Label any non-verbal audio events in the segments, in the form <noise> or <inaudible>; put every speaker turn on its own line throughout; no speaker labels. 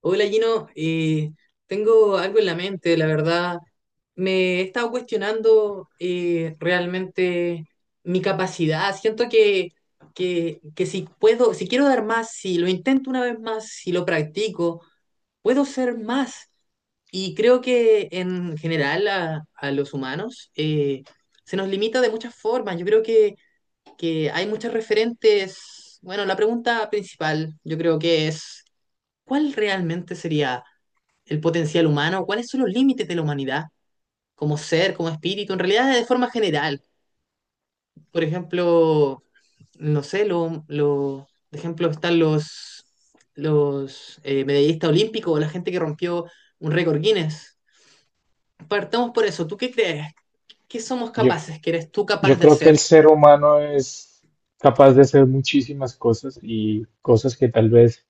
Hola Gino, tengo algo en la mente, la verdad. Me he estado cuestionando, realmente mi capacidad. Siento que si puedo, si quiero dar más, si lo intento una vez más, si lo practico, puedo ser más. Y creo que en general a los humanos, se nos limita de muchas formas. Yo creo que hay muchos referentes. Bueno, la pregunta principal yo creo que es: ¿cuál realmente sería el potencial humano? ¿Cuáles son los límites de la humanidad como ser, como espíritu, en realidad, de forma general? Por ejemplo, no sé, de ejemplo están los medallistas olímpicos o la gente que rompió un récord Guinness. Partamos por eso. ¿Tú qué crees? ¿Qué somos
Yo,
capaces? ¿Qué eres tú
yo
capaz de
creo que el
hacer?
ser humano es capaz de hacer muchísimas cosas y cosas que tal vez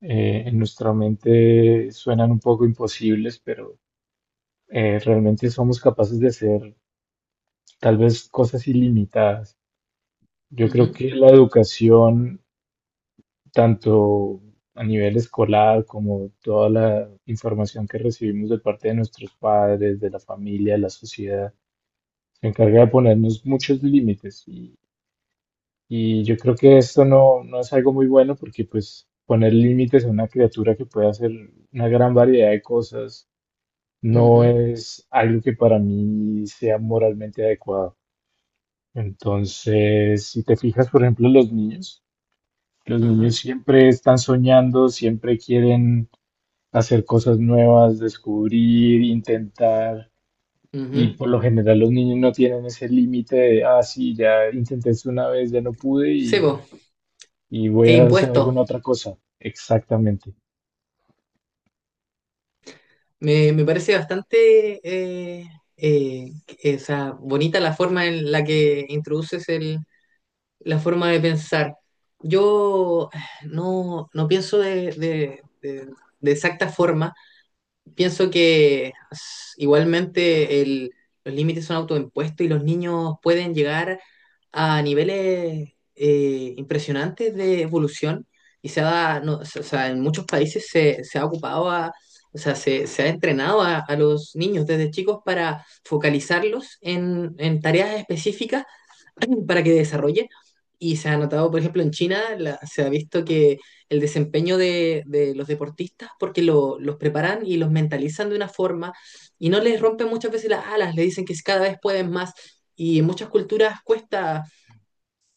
en nuestra mente suenan un poco imposibles, pero realmente somos capaces de hacer tal vez cosas ilimitadas. Yo creo
Ujú.
que la educación, tanto a nivel escolar como toda la información que recibimos de parte de nuestros padres, de la familia, de la sociedad, se encarga de ponernos muchos límites. Y yo creo que esto no es algo muy bueno porque pues poner límites a una criatura que puede hacer una gran variedad de cosas no
Ujú.
es algo que para mí sea moralmente adecuado. Entonces, si te fijas, por ejemplo, los niños
Ajá.
siempre están soñando, siempre quieren hacer cosas nuevas, descubrir, intentar. Y
Ujú.
por lo general los niños no tienen ese límite de, ah, sí, ya intenté esto una vez, ya no pude
Sebo,
y voy
e
a hacer
impuesto.
alguna otra cosa. Exactamente.
Me parece bastante, eh, bonita la forma en la que introduces la forma de pensar. Yo, no, no pienso de exacta forma, pienso que igualmente los límites son autoimpuestos y los niños pueden llegar a niveles impresionantes de evolución, y se ha, no, o sea, en muchos países se ha ocupado a, o sea, se ha entrenado a los niños desde chicos para focalizarlos en tareas específicas <clears throat> para que desarrollen. Y se ha notado, por ejemplo, en China, se ha visto que el desempeño de los deportistas, porque los preparan y los mentalizan de una forma y no les rompen muchas veces las alas, le dicen que cada vez pueden más. Y en muchas culturas cuesta,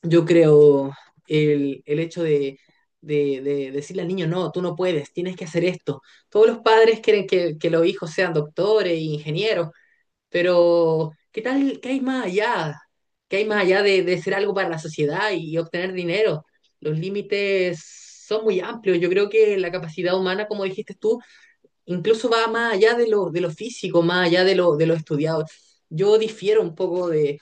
yo creo, el hecho de decirle al niño: no, tú no puedes, tienes que hacer esto. Todos los padres quieren que los hijos sean doctores, ingenieros, pero ¿qué tal? ¿Qué hay más allá? ¿Qué hay más allá de ser algo para la sociedad y obtener dinero? Los límites son muy amplios. Yo creo que la capacidad humana, como dijiste tú, incluso va más allá de lo, de lo, físico, más allá de lo estudiado. Yo difiero un poco de,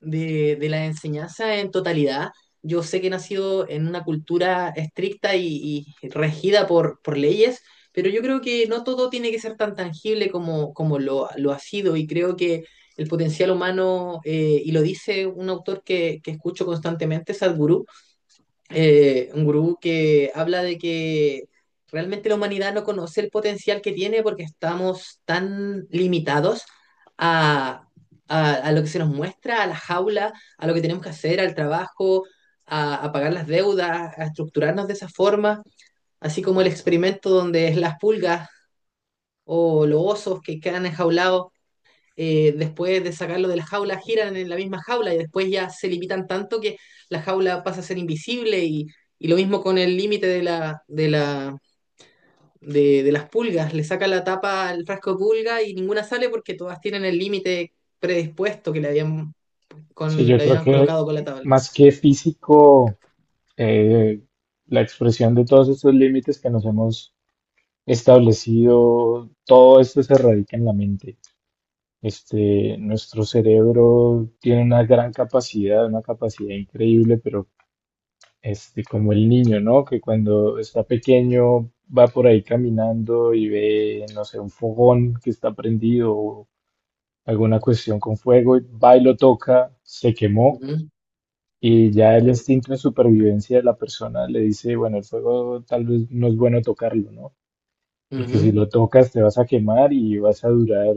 de, de la enseñanza en totalidad. Yo sé que he nacido en una cultura estricta y regida por leyes, pero yo creo que no todo tiene que ser tan tangible como, como lo ha sido, y creo que el potencial humano, y lo dice un autor que escucho constantemente, Sadhguru, un gurú que habla de que realmente la humanidad no conoce el potencial que tiene porque estamos tan limitados a, a lo que se nos muestra, a la jaula, a lo que tenemos que hacer, al trabajo, a pagar las deudas, a estructurarnos de esa forma, así como el experimento donde las pulgas o los osos que quedan enjaulados, después de sacarlo de la jaula, giran en la misma jaula y después ya se limitan tanto que la jaula pasa a ser invisible. Y lo mismo con el límite de las pulgas: le saca la tapa al frasco de pulga y ninguna sale porque todas tienen el límite predispuesto que le habían,
Sí, yo
le
creo
habían
que
colocado con la tabla.
más que físico, eh, la expresión de todos estos límites que nos hemos establecido, todo esto se radica en la mente. Este, nuestro cerebro tiene una gran capacidad, una capacidad increíble, pero este, como el niño, ¿no? Que cuando está pequeño va por ahí caminando y ve, no sé, un fogón que está prendido, alguna cuestión con fuego, y va y lo toca, se
Uh
quemó,
-huh.
y ya el instinto de supervivencia de la persona le dice, bueno, el fuego tal vez no es bueno tocarlo, ¿no?
Uh
Porque si
-huh.
lo tocas te vas a quemar y vas a durar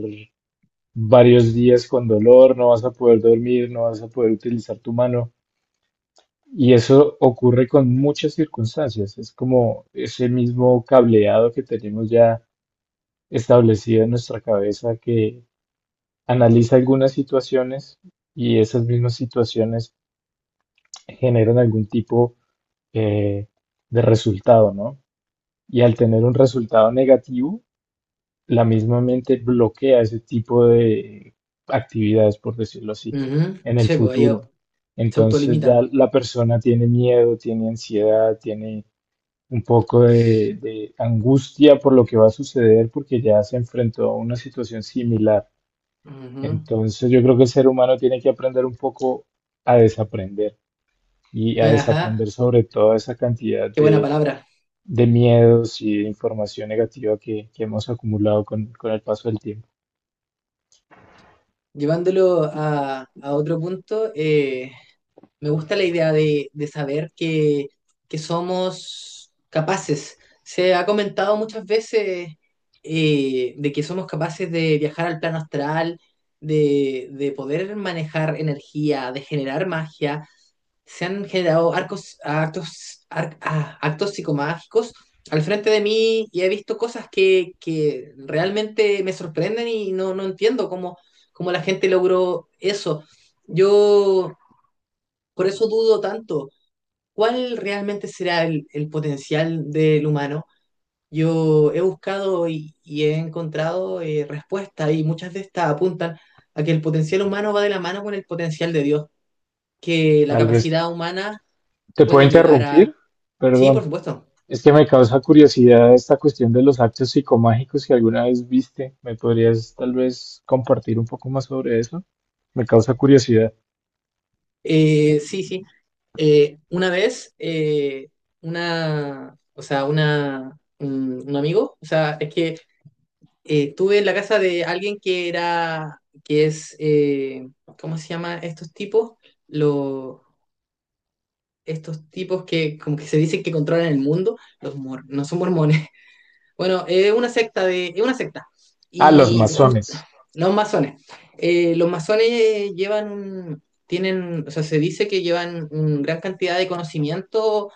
varios días con dolor, no vas a poder dormir, no vas a poder utilizar tu mano. Y eso ocurre con muchas circunstancias. Es como ese mismo cableado que tenemos ya establecido en nuestra cabeza que analiza algunas situaciones y esas mismas situaciones generan algún tipo eh, de resultado, ¿no? Y al tener un resultado negativo, la misma mente bloquea ese tipo de actividades, por decirlo
Uh
así,
-huh.
en el
Sí, pues ellos
futuro.
se
Entonces ya
autolimitan.
la persona tiene miedo, tiene ansiedad, tiene un poco de angustia por lo que va a suceder porque ya se enfrentó a una situación similar.
Ujú.
Entonces yo creo que el ser humano tiene que aprender un poco a desaprender, y a desaprender
Ajá,
sobre toda esa cantidad
qué buena palabra.
de miedos y de información negativa que hemos acumulado con el paso del tiempo.
Llevándolo a otro punto, me gusta la idea de saber que somos capaces. Se ha comentado muchas veces, de que somos capaces de viajar al plano astral, de poder manejar energía, de generar magia. Se han generado arcos, actos, ar- ah, actos psicomágicos al frente de mí y he visto cosas que realmente me sorprenden y no, entiendo cómo, la gente logró eso. Yo por eso dudo tanto. ¿Cuál realmente será el potencial del humano? Yo he buscado y he encontrado, respuestas, y muchas de estas apuntan a que el potencial humano va de la mano con el potencial de Dios, que la
Tal vez
capacidad humana
te puedo
puede llegar a.
interrumpir,
Sí, por
perdón.
supuesto.
Es que me causa curiosidad esta cuestión de los actos psicomágicos que alguna vez viste. ¿Me podrías tal vez compartir un poco más sobre eso? Me causa curiosidad.
Sí, sí. Una vez, una, o sea, una, un amigo, o sea, es que, estuve en la casa de alguien que era, ¿cómo se llama estos tipos? Lo- Estos tipos que como que se dicen que controlan el mundo, no son mormones. <laughs> Bueno, es una secta.
Ah, los
Y jus-
masones.
los masones. Los masones llevan tienen, o sea, se dice que llevan una gran cantidad de conocimiento,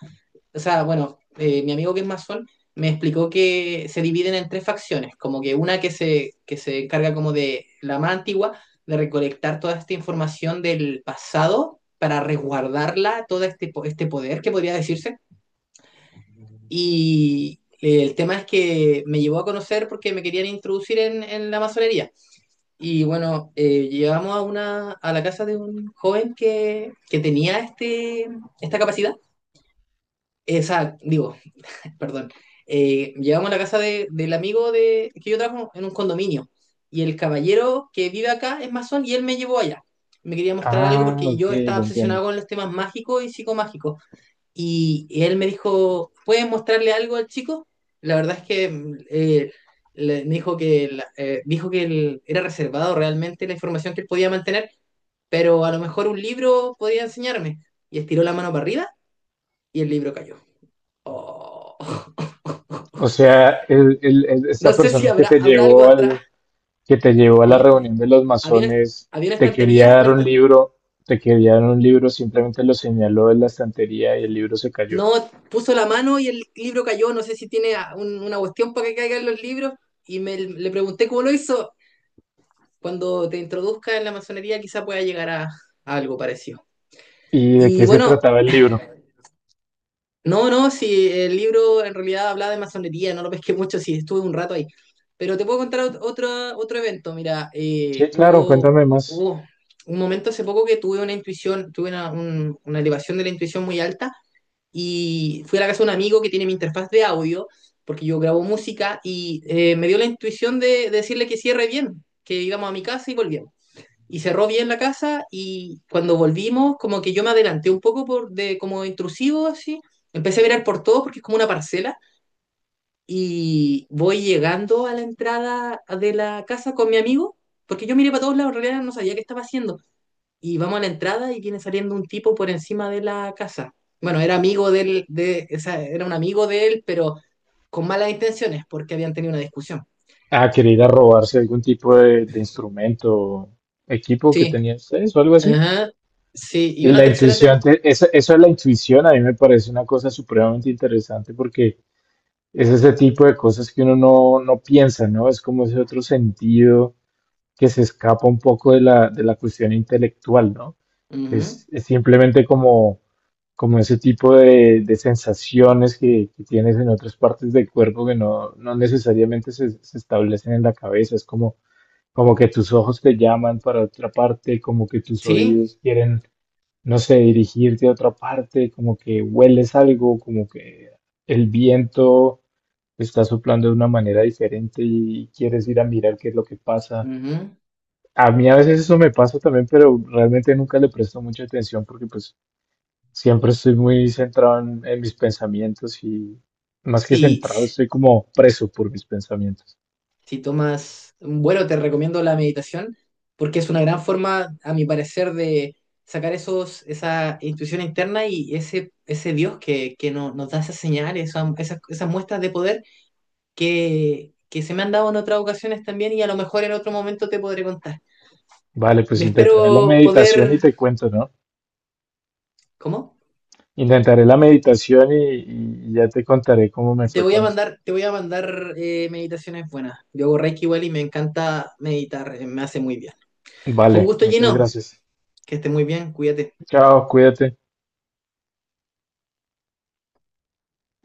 o sea, bueno, mi amigo que es masón me explicó que se dividen en tres facciones, como que una que se encarga como de la más antigua, de recolectar toda esta información del pasado para resguardarla, todo este poder que podría decirse. Y el tema es que me llevó a conocer porque me querían introducir en la masonería. Y bueno, llegamos a la casa de un joven que tenía esta capacidad, esa, digo, perdón, llegamos a la casa del amigo que yo trabajo en un condominio. Y el caballero que vive acá es masón, y él me llevó allá. Me quería mostrar algo
Ah,
porque
ok,
yo estaba
ya entiendo.
obsesionado con los temas mágicos y psicomágicos. Y él me dijo: ¿puedes mostrarle algo al chico? La verdad es que, me dijo dijo que él era reservado realmente la información que él podía mantener, pero a lo mejor un libro podía enseñarme. Y estiró la mano para arriba y el libro cayó. Oh.
O
<laughs>
sea, esta
No sé si
persona que
habrá,
te
algo
llevó
atrás.
al, que te llevó a la
El-
reunión de los
había, una,
masones,
Había una
te quería
estantería,
dar un libro, te quería dar un libro, simplemente lo señaló en la estantería y el libro se cayó.
no, puso la mano y el libro cayó. No sé si tiene una cuestión para que caigan los libros. Y le pregunté cómo lo hizo. Cuando te introduzca en la masonería, quizá pueda llegar a algo parecido.
¿Y de qué
Y
se
bueno,
trataba el libro?
no, no, sí, el libro en realidad hablaba de masonería, no lo pesqué mucho, sí, estuve un rato ahí. Pero te puedo contar otro evento, mira,
Sí, claro,
hubo,
cuéntame más.
hubo un momento hace poco que tuve una intuición, tuve una elevación de la intuición muy alta, y fui a la casa de un amigo que tiene mi interfaz de audio, porque yo grabo música y, me dio la intuición de decirle que cierre bien, que íbamos a mi casa y volvíamos, y cerró bien la casa. Y cuando volvimos, como que yo me adelanté un poco por de como intrusivo así, empecé a mirar por todo porque es como una parcela, y voy llegando a la entrada de la casa con mi amigo, porque yo miré para todos lados, en realidad no sabía qué estaba haciendo, y vamos a la entrada y viene saliendo un tipo por encima de la casa. Bueno, era amigo del de, o sea, era un amigo de él, pero con malas intenciones porque habían tenido una discusión.
Ah, quería ir a robarse algún tipo de instrumento o equipo que
Sí,
tenían ustedes o algo así.
ajá, sí, y
Y
una
la
tercera
intuición,
temporada.
eso, eso de la intuición a mí me parece una cosa supremamente interesante porque es ese tipo de cosas que uno no piensa, ¿no? Es como ese otro sentido que se escapa un poco de la cuestión intelectual, ¿no? Es simplemente como, como ese tipo de sensaciones que tienes en otras partes del cuerpo que no necesariamente se establecen en la cabeza. Es como, como que tus ojos te llaman para otra parte, como que tus
Sí,
oídos quieren, no sé, dirigirte a otra parte, como que hueles algo, como que el viento está soplando de una manera diferente y quieres ir a mirar qué es lo que pasa.
ajá.
A mí a veces eso me pasa también, pero realmente nunca le presto mucha atención porque pues siempre estoy muy centrado en mis pensamientos y más que
Si,
centrado,
si,
estoy como preso por mis pensamientos.
si tomas un vuelo, te recomiendo la meditación porque es una gran forma, a mi parecer, de sacar esa intuición interna y ese Dios que nos da esas señales, esas muestras de poder que se me han dado en otras ocasiones también, y a lo mejor en otro momento te podré contar.
Vale, pues
Me
intentaré la
espero
meditación y
poder.
te cuento, ¿no?
¿Cómo?
Intentaré la meditación y ya te contaré cómo me
Te
fue
voy a
con eso.
mandar, te voy a mandar meditaciones buenas. Yo hago Reiki igual y me encanta meditar, me hace muy bien. Fue un
Vale,
gusto
muchas
lleno,
gracias.
que esté muy bien, cuídate.
Chao, cuídate.